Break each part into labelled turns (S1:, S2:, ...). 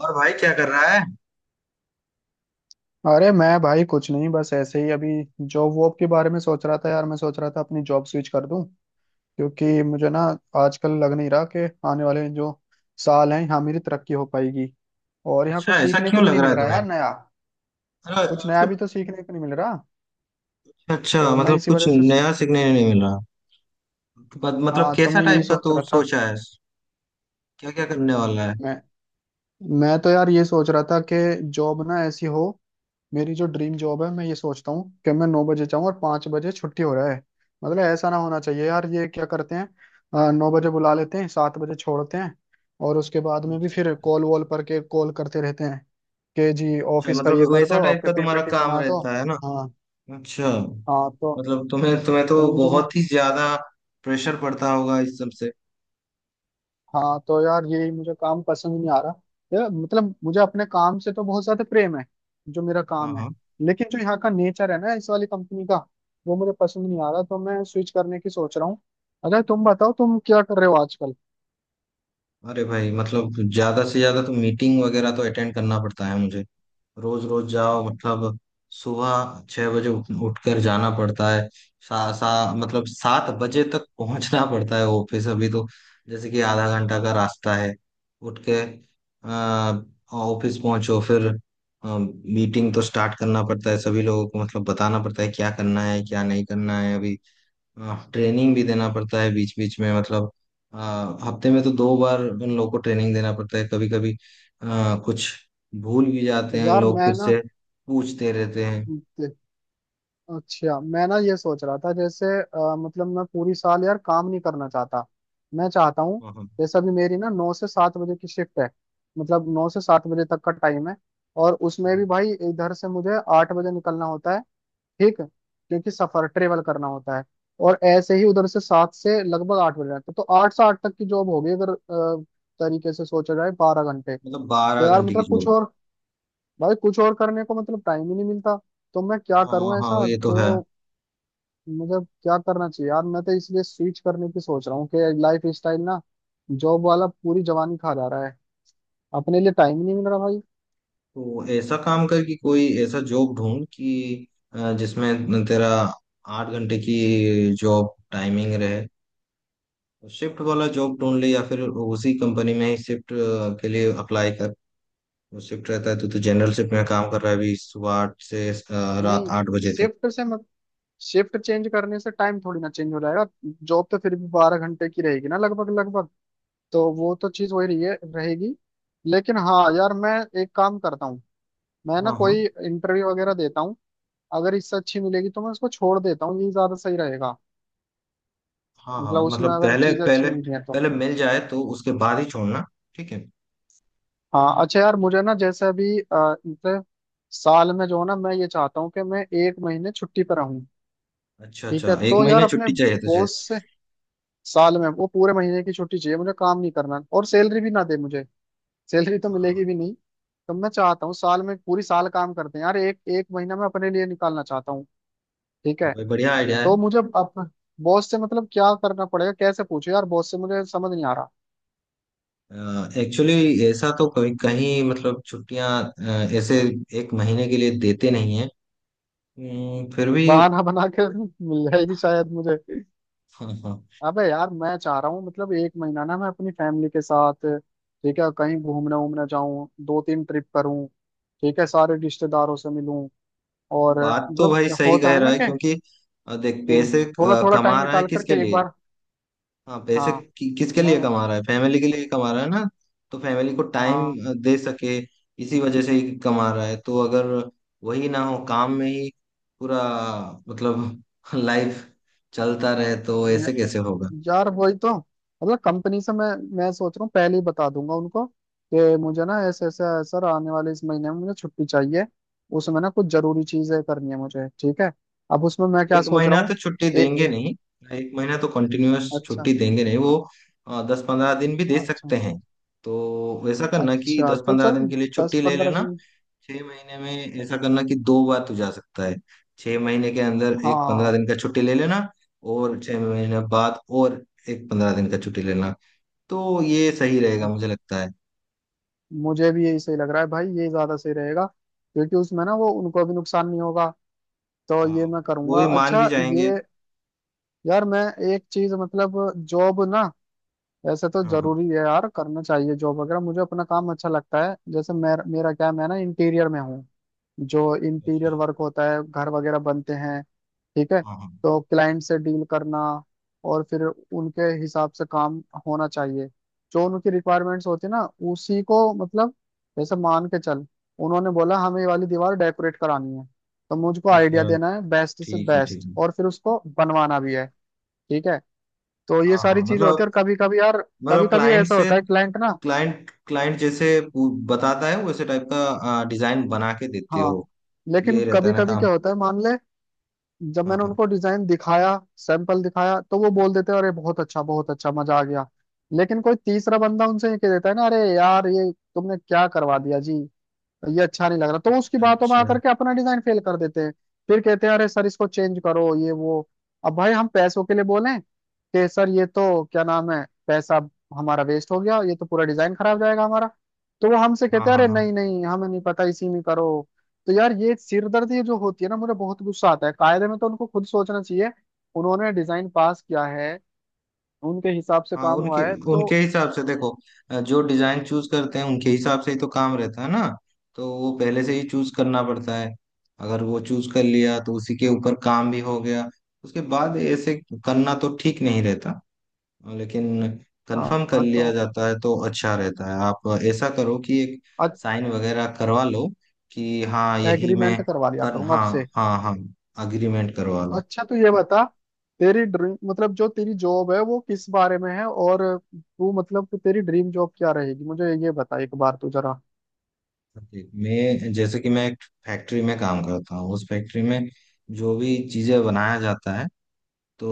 S1: और भाई क्या कर रहा है।
S2: अरे मैं भाई कुछ नहीं, बस ऐसे ही अभी जॉब वॉब के बारे में सोच रहा था यार। मैं सोच रहा था अपनी जॉब स्विच कर दूं, क्योंकि मुझे ना आजकल लग नहीं रहा कि आने वाले जो साल हैं यहाँ मेरी तरक्की हो पाएगी। और यहाँ
S1: अच्छा
S2: कुछ
S1: ऐसा
S2: सीखने को
S1: क्यों
S2: भी
S1: लग
S2: नहीं
S1: रहा
S2: मिल
S1: है
S2: रहा
S1: तुम्हें?
S2: यार, नया
S1: अरे
S2: कुछ नया भी
S1: मतलब।
S2: तो सीखने को नहीं मिल रहा।
S1: अच्छा
S2: तो मैं
S1: मतलब
S2: इसी
S1: कुछ
S2: वजह से,
S1: नया सीखने नहीं मिल रहा। मतलब
S2: हाँ तो
S1: कैसा
S2: मैं यही
S1: टाइप का
S2: सोच
S1: तू
S2: रहा था।
S1: सोचा है? क्या क्या करने वाला है?
S2: मैं मैं तो यार ये सोच रहा था कि जॉब ना ऐसी हो, मेरी जो ड्रीम जॉब है मैं ये सोचता हूँ कि मैं 9 बजे जाऊँ और 5 बजे छुट्टी हो रहा है। मतलब ऐसा ना होना चाहिए यार, ये क्या करते हैं, 9 बजे बुला लेते हैं 7 बजे छोड़ते हैं। और उसके बाद में भी
S1: अच्छा।
S2: फिर कॉल वॉल पर के कॉल करते रहते हैं कि जी
S1: अच्छा,
S2: ऑफिस का ये
S1: मतलब
S2: कर
S1: वैसा
S2: दो,
S1: टाइप
S2: आपके
S1: का तुम्हारा
S2: पीपीटी
S1: काम
S2: बना दो।
S1: रहता है ना।
S2: हाँ।
S1: अच्छा।
S2: हाँ तो,
S1: मतलब तुम्हें तुम्हें
S2: तो
S1: तो
S2: मुझे ना,
S1: बहुत ही ज्यादा प्रेशर पड़ता होगा इस सब से।
S2: हाँ तो यार यही मुझे काम पसंद नहीं आ रहा। यार मतलब मुझे अपने काम से तो बहुत ज्यादा प्रेम है, जो मेरा
S1: हाँ
S2: काम है।
S1: हाँ।
S2: लेकिन जो यहाँ का नेचर है ना इस वाली कंपनी का, वो मुझे पसंद नहीं आ रहा, तो मैं स्विच करने की सोच रहा हूँ। अगर तुम बताओ, तुम क्या कर रहे हो आजकल।
S1: अरे भाई मतलब ज्यादा से ज्यादा तो मीटिंग वगैरह तो अटेंड करना पड़ता है मुझे। रोज रोज जाओ मतलब सुबह 6 बजे उठकर जाना पड़ता है। सा, सा, मतलब 7 बजे तक पहुंचना पड़ता है ऑफिस अभी तो। जैसे कि आधा घंटा का रास्ता है। उठ के अ, ऑफिस पहुंचो। फिर मीटिंग तो स्टार्ट करना पड़ता है, सभी लोगों को मतलब बताना पड़ता है क्या करना है क्या नहीं करना है अभी। ट्रेनिंग भी देना पड़ता है बीच बीच में मतलब। हफ्ते में तो 2 बार उन लोगों को ट्रेनिंग देना पड़ता है कभी कभी। कुछ भूल भी जाते हैं
S2: यार
S1: लोग,
S2: मैं
S1: फिर से पूछते रहते हैं
S2: ना, अच्छा मैं ना ये सोच रहा था जैसे, मतलब मैं पूरी साल यार काम नहीं करना चाहता। मैं चाहता हूँ,
S1: वहाँ।
S2: जैसे अभी मेरी ना 9 से 7 बजे की शिफ्ट है, मतलब 9 से 7 बजे तक का टाइम है। और उसमें भी भाई इधर से मुझे 8 बजे निकलना होता है, ठीक है? क्योंकि सफर ट्रेवल करना होता है। और ऐसे ही उधर से 7 से लगभग 8 बजे तक, तो 8 से 8 तक की जॉब होगी, अगर तरीके से सोचा जाए 12 घंटे।
S1: मतलब
S2: तो
S1: बारह
S2: यार
S1: घंटे की
S2: मतलब कुछ
S1: जॉब।
S2: और, भाई कुछ और करने को मतलब टाइम ही नहीं मिलता। तो मैं क्या करूं
S1: हाँ हाँ,
S2: ऐसा
S1: ये तो
S2: जो,
S1: है।
S2: मुझे क्या करना चाहिए यार, मैं तो इसलिए स्विच करने की सोच रहा हूँ कि लाइफ स्टाइल ना, जॉब वाला पूरी जवानी खा जा रहा है, अपने लिए टाइम ही नहीं मिल रहा भाई।
S1: तो ऐसा काम कर कि कोई ऐसा जॉब ढूंढ कि जिसमें तेरा 8 घंटे की जॉब टाइमिंग रहे। शिफ्ट वाला जॉब ढूंढ ले या फिर उसी कंपनी में ही शिफ्ट के लिए अप्लाई कर। वो शिफ्ट रहता है तो। तू जनरल शिफ्ट में काम कर रहा है अभी, सुबह 8 से रात
S2: नहीं,
S1: 8 बजे तक।
S2: शिफ्ट से मत, शिफ्ट चेंज करने से टाइम थोड़ी ना चेंज हो जाएगा। जॉब तो फिर भी 12 घंटे की रहेगी ना, लगभग लगभग। तो वो तो चीज वही रही है, रहेगी। लेकिन हाँ यार मैं एक काम करता हूँ, मैं ना
S1: हाँ हाँ।
S2: कोई इंटरव्यू वगैरह देता हूँ। अगर इससे अच्छी मिलेगी तो मैं उसको छोड़ देता हूँ, ये ज्यादा सही रहेगा।
S1: हाँ हाँ,
S2: मतलब उसमें
S1: मतलब
S2: अगर
S1: पहले
S2: चीज अच्छी
S1: पहले
S2: मिल रही है तो।
S1: पहले मिल जाए तो उसके बाद ही छोड़ना, ठीक है।
S2: हाँ अच्छा यार मुझे ना, जैसे अभी मतलब साल में जो है ना, मैं ये चाहता हूँ कि मैं एक महीने छुट्टी पर रहूँ।
S1: अच्छा
S2: ठीक है,
S1: अच्छा, एक
S2: तो यार
S1: महीने
S2: अपने
S1: छुट्टी चाहिए तुझे।
S2: बॉस से, साल में वो पूरे महीने की छुट्टी चाहिए, मुझे काम नहीं करना और सैलरी भी ना दे मुझे, सैलरी तो मिलेगी भी नहीं। तो मैं चाहता हूँ साल में, पूरी साल काम करते हैं यार, एक एक महीना मैं अपने लिए निकालना चाहता हूँ, ठीक है।
S1: भाई बढ़िया आइडिया है।
S2: तो मुझे अब बॉस से मतलब क्या करना पड़ेगा, कैसे पूछे यार बॉस से, मुझे समझ नहीं आ रहा।
S1: एक्चुअली ऐसा तो कहीं कहीं मतलब छुट्टियां ऐसे एक महीने के लिए देते नहीं है। फिर भी।
S2: बहाना बना के मिल जाएगी शायद मुझे।
S1: हाँ हाँ।
S2: अबे यार मैं चाह रहा हूँ मतलब एक महीना ना मैं अपनी फैमिली के साथ, ठीक है, कहीं घूमने वूमने जाऊं, दो तीन ट्रिप करूं, ठीक है, सारे रिश्तेदारों से मिलूं। और
S1: बात तो भाई
S2: मतलब
S1: सही
S2: होता
S1: कह
S2: है
S1: रहा
S2: ना
S1: है,
S2: कि,
S1: क्योंकि देख,
S2: कि
S1: पैसे
S2: थोड़ा थोड़ा टाइम
S1: कमा रहा है
S2: निकाल
S1: किसके
S2: करके एक
S1: लिए?
S2: बार।
S1: हाँ,
S2: हाँ।
S1: किसके लिए
S2: मैं।
S1: कमा रहा है? फैमिली के लिए कमा रहा है ना। तो फैमिली को टाइम
S2: हाँ।
S1: दे सके इसी वजह से ही कमा रहा है। तो अगर वही ना हो, काम में ही पूरा मतलब लाइफ चलता रहे, तो
S2: य-
S1: ऐसे कैसे होगा?
S2: यार वही तो, मतलब कंपनी से मैं सोच रहा हूँ पहले ही बता दूंगा उनको कि मुझे ना ऐसे ऐसे सर आने वाले इस महीने में मुझे छुट्टी चाहिए, उसमें ना कुछ जरूरी चीजें करनी है मुझे, ठीक है। अब उसमें मैं क्या
S1: एक
S2: सोच रहा
S1: महीना
S2: हूँ।
S1: तो छुट्टी
S2: ए,
S1: देंगे
S2: ए,
S1: नहीं। एक महीना तो कंटिन्यूअस
S2: अच्छा।
S1: छुट्टी देंगे नहीं वो। 10-15 दिन भी दे
S2: अच्छा।
S1: सकते हैं। तो वैसा करना कि
S2: अच्छा
S1: दस
S2: तो
S1: पंद्रह
S2: चलो
S1: दिन के लिए
S2: दस
S1: छुट्टी ले
S2: पंद्रह
S1: लेना।
S2: दिन
S1: छह महीने में ऐसा करना कि 2 बार तू जा सकता है। 6 महीने के अंदर एक पंद्रह
S2: हाँ
S1: दिन का छुट्टी ले लेना, और 6 महीने बाद और एक 15 दिन का छुट्टी लेना। तो ये सही रहेगा मुझे लगता है।
S2: मुझे भी यही सही लग रहा है भाई, ये ज्यादा सही रहेगा। क्योंकि उसमें ना वो उनको भी नुकसान नहीं होगा। तो ये
S1: हाँ,
S2: मैं
S1: वो
S2: करूँगा,
S1: भी मान भी
S2: अच्छा।
S1: जाएंगे।
S2: ये यार मैं एक चीज मतलब, जॉब ना वैसे तो
S1: हाँ हाँ।
S2: जरूरी है यार, करना चाहिए जॉब वगैरह, मुझे अपना काम अच्छा लगता है। जैसे मेरा क्या है, मैं ना इंटीरियर में हूँ, जो इंटीरियर
S1: अच्छा।
S2: वर्क होता है, घर वगैरह बनते हैं, ठीक है।
S1: हाँ हाँ।
S2: तो क्लाइंट से डील करना, और फिर उनके हिसाब से काम होना चाहिए। जो उनकी रिक्वायरमेंट्स होती है ना, उसी को मतलब, जैसे मान के चल उन्होंने बोला हमें ये वाली दीवार डेकोरेट करानी है, तो मुझको
S1: अच्छा,
S2: आइडिया देना है बेस्ट से
S1: ठीक है ठीक
S2: बेस्ट
S1: है।
S2: और फिर उसको बनवाना भी है, ठीक है। तो ये
S1: हाँ
S2: सारी
S1: हाँ
S2: चीजें होती
S1: मतलब।
S2: है, और कभी कभी यार, कभी
S1: मतलब
S2: कभी
S1: क्लाइंट
S2: ऐसा
S1: से,
S2: होता है क्लाइंट ना,
S1: क्लाइंट क्लाइंट जैसे बताता है वैसे टाइप का डिजाइन बना के देते
S2: हाँ,
S1: हो?
S2: लेकिन
S1: ये रहता
S2: कभी
S1: है ना
S2: कभी
S1: काम।
S2: क्या होता है, मान ले जब
S1: हाँ
S2: मैंने
S1: हाँ।
S2: उनको डिजाइन दिखाया, सैंपल दिखाया तो वो बोल देते हैं अरे बहुत अच्छा, बहुत अच्छा, मजा आ गया। लेकिन कोई तीसरा बंदा उनसे ये कह देता है ना, अरे यार ये तुमने क्या करवा दिया जी, ये अच्छा नहीं लग रहा, तो उसकी
S1: अच्छा
S2: बातों में
S1: अच्छा।
S2: आकर के अपना डिजाइन फेल कर देते हैं। फिर कहते हैं अरे सर इसको चेंज करो, ये वो। अब भाई हम पैसों के लिए बोलें कि सर ये तो क्या नाम है, पैसा हमारा वेस्ट हो गया, ये तो पूरा डिजाइन खराब जाएगा हमारा। तो वो हमसे
S1: हाँ
S2: कहते हैं
S1: हाँ।
S2: अरे
S1: हाँ
S2: नहीं नहीं, हमें नहीं पता, इसी में करो। तो यार ये सिरदर्दी जो होती है ना, मुझे बहुत गुस्सा आता है, कायदे में तो उनको खुद सोचना चाहिए। उन्होंने डिजाइन पास किया है, उनके हिसाब से
S1: हाँ।
S2: काम
S1: उनके
S2: हुआ है तो।
S1: उनके हिसाब से देखो, जो डिजाइन चूज करते हैं उनके हिसाब से ही तो काम रहता है ना। तो वो पहले से ही चूज करना पड़ता है। अगर वो चूज कर लिया तो उसी के ऊपर काम भी हो गया, उसके बाद ऐसे करना तो ठीक नहीं रहता। लेकिन
S2: हाँ
S1: कंफर्म कर
S2: हाँ,
S1: लिया
S2: तो
S1: जाता है तो अच्छा रहता है। आप ऐसा करो कि एक साइन वगैरह करवा लो कि हाँ यही मैं
S2: एग्रीमेंट करवा लिया
S1: कर,
S2: करूंगा
S1: हाँ।
S2: आपसे।
S1: हाँ हाँ, अग्रीमेंट करवा लो।
S2: अच्छा तो ये
S1: तो
S2: बता, तेरी ड्रीम मतलब जो तेरी जॉब है वो किस बारे में है, और तू मतलब कि तेरी ड्रीम जॉब क्या रहेगी, मुझे ये बता एक बार तू जरा।
S1: जी, मैं जैसे कि मैं एक फैक्ट्री में काम करता हूँ। उस फैक्ट्री में जो भी चीज़ें बनाया जाता है, तो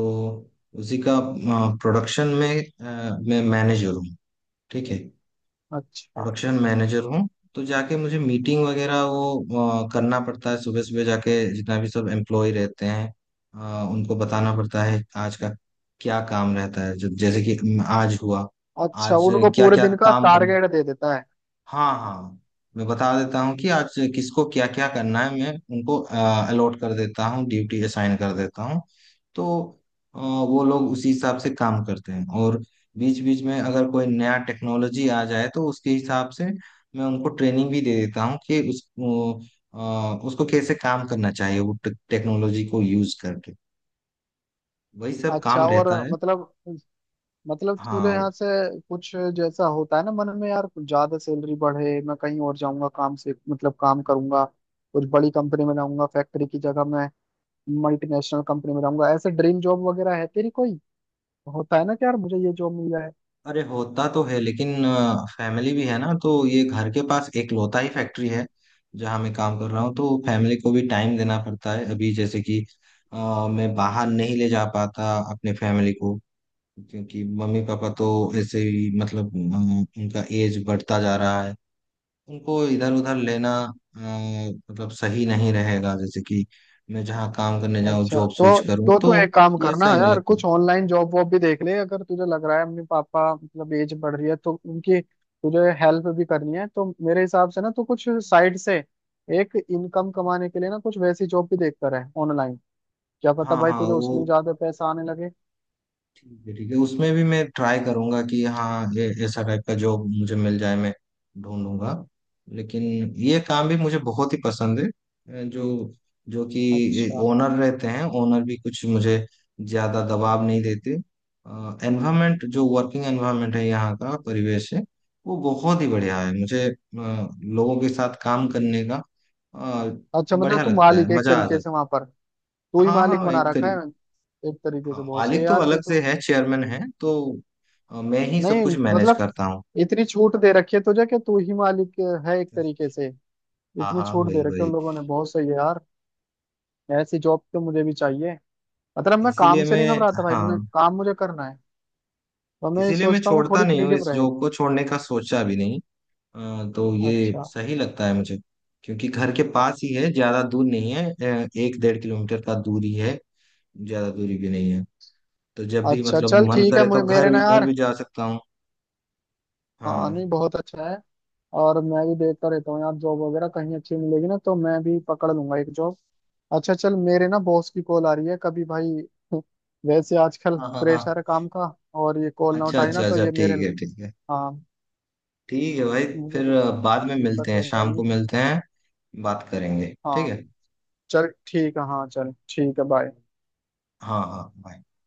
S1: उसी का प्रोडक्शन में मैं मैनेजर हूँ, ठीक है।
S2: अच्छा।
S1: प्रोडक्शन मैनेजर हूँ। तो जाके मुझे मीटिंग वगैरह वो करना पड़ता है। सुबह सुबह जाके जितना भी सब एम्प्लॉय रहते हैं, उनको बताना पड़ता है आज का क्या काम रहता है, जैसे कि आज हुआ
S2: अच्छा
S1: आज
S2: उनको
S1: क्या
S2: पूरे
S1: क्या
S2: दिन का
S1: काम करना।
S2: टारगेट दे देता है।
S1: हाँ हाँ। मैं बता देता हूँ कि आज किसको क्या क्या करना है। मैं उनको अलॉट कर देता हूँ, ड्यूटी असाइन कर देता हूँ। तो वो लोग उसी हिसाब से काम करते हैं। और बीच बीच में अगर कोई नया टेक्नोलॉजी आ जाए, तो उसके हिसाब से मैं उनको ट्रेनिंग भी दे देता हूँ कि उसको कैसे काम करना चाहिए वो टेक्नोलॉजी को यूज करके। वही सब
S2: अच्छा
S1: काम
S2: और
S1: रहता है।
S2: मतलब, मतलब तुझे
S1: हाँ।
S2: यहाँ से कुछ, जैसा होता है ना मन में यार, कुछ ज्यादा सैलरी बढ़े मैं कहीं और जाऊंगा काम से, मतलब काम करूंगा कुछ बड़ी कंपनी में रहूंगा फैक्ट्री की जगह, मैं मल्टीनेशनल कंपनी में रहूंगा, ऐसे ड्रीम जॉब वगैरह है तेरी कोई, होता है ना कि यार मुझे ये जॉब मिल जाए।
S1: अरे होता तो है, लेकिन फैमिली भी है ना। तो ये घर के पास इकलौता ही फैक्ट्री है जहाँ मैं काम कर रहा हूँ, तो फैमिली को भी टाइम देना पड़ता है। अभी जैसे कि मैं बाहर नहीं ले जा पाता अपने फैमिली को, क्योंकि मम्मी पापा तो ऐसे ही मतलब उनका एज बढ़ता जा रहा है। उनको इधर उधर लेना अ, मतलब सही नहीं रहेगा। जैसे कि मैं जहाँ काम करने जाऊँ,
S2: अच्छा
S1: जॉब स्विच
S2: तो
S1: करूँ,
S2: तो तो
S1: तो
S2: एक काम
S1: ये
S2: करना
S1: सही नहीं
S2: यार,
S1: लगता।
S2: कुछ ऑनलाइन जॉब वॉब भी देख ले। अगर तुझे लग रहा है अपने पापा मतलब एज बढ़ रही है तो उनकी तुझे हेल्प भी करनी है, तो मेरे हिसाब से ना, तो कुछ साइड से एक इनकम कमाने के लिए ना, कुछ वैसी जॉब भी देखता रहे ऑनलाइन। क्या पता
S1: हाँ
S2: भाई
S1: हाँ,
S2: तुझे उसमें
S1: वो
S2: ज्यादा पैसा आने लगे।
S1: ठीक है ठीक है। उसमें भी मैं ट्राई करूंगा कि हाँ ये ऐसा टाइप का जॉब मुझे मिल जाए, मैं ढूंढूंगा। लेकिन ये काम भी मुझे बहुत ही पसंद है। जो जो कि
S2: अच्छा।
S1: ओनर रहते हैं, ओनर भी कुछ मुझे ज्यादा दबाव नहीं देते। एनवायरनमेंट, जो वर्किंग एनवायरनमेंट है, यहाँ का परिवेश है, वो बहुत ही बढ़िया है। मुझे लोगों के साथ काम करने का अ,
S2: अच्छा मतलब
S1: बढ़िया
S2: तू
S1: लगता
S2: मालिक
S1: है,
S2: है एक
S1: मजा आ जाता
S2: तरीके
S1: है।
S2: से वहां पर, तू ही
S1: हाँ
S2: मालिक
S1: हाँ,
S2: बना
S1: एक
S2: रखा है
S1: तरीके।
S2: एक तरीके
S1: हाँ,
S2: से, बहुत सही है
S1: मालिक तो
S2: यार फिर
S1: अलग
S2: तो।
S1: से है, चेयरमैन है। तो मैं ही सब
S2: नहीं
S1: कुछ मैनेज
S2: मतलब,
S1: करता हूँ।
S2: इतनी छूट दे रखी है तुझे कि तू ही मालिक है एक तरीके से,
S1: हाँ
S2: इतनी
S1: हाँ,
S2: छूट दे
S1: वही
S2: रखी है
S1: वही।
S2: उन लोगों ने, बहुत सही है यार। ऐसी जॉब तो मुझे भी चाहिए। मतलब मैं काम
S1: इसीलिए
S2: से नहीं
S1: मैं।
S2: घबराता भाई,
S1: हाँ,
S2: मुझे काम मुझे करना है, तो मैं ये
S1: इसीलिए मैं
S2: सोचता हूँ
S1: छोड़ता
S2: थोड़ी
S1: नहीं हूँ।
S2: फ्रीडम
S1: इस
S2: रहे।
S1: जॉब को छोड़ने का सोचा भी नहीं। तो ये
S2: अच्छा।
S1: सही लगता है मुझे, क्योंकि घर के पास ही है, ज्यादा दूर नहीं है। एक 1.5 किलोमीटर का दूरी है, ज्यादा दूरी भी नहीं है। तो जब भी
S2: अच्छा
S1: मतलब
S2: चल
S1: मन
S2: ठीक है,
S1: करे तो
S2: मुझे
S1: घर
S2: मेरे ना
S1: भी घर
S2: यार,
S1: भी जा सकता हूँ।
S2: हाँ नहीं
S1: हाँ
S2: बहुत अच्छा है। और मैं भी देखता रहता हूँ यार, जॉब वगैरह कहीं अच्छी मिलेगी ना तो मैं भी पकड़ लूंगा एक जॉब। अच्छा चल, मेरे ना बॉस की कॉल आ रही है कभी भाई वैसे आजकल
S1: हाँ। हाँ हाँ।
S2: प्रेशर है काम का। और ये कॉल ना
S1: अच्छा
S2: उठाई ना
S1: अच्छा
S2: तो
S1: अच्छा,
S2: ये मेरे,
S1: ठीक है ठीक है।
S2: हाँ,
S1: ठीक है भाई।
S2: मुझे
S1: फिर बाद में मिलते
S2: दिक्कत
S1: हैं,
S2: हो
S1: शाम को
S2: जाएगी।
S1: मिलते हैं, बात करेंगे, ठीक
S2: हाँ
S1: है।
S2: चल ठीक है, हाँ चल ठीक है, बाय।
S1: हाँ हाँ bye।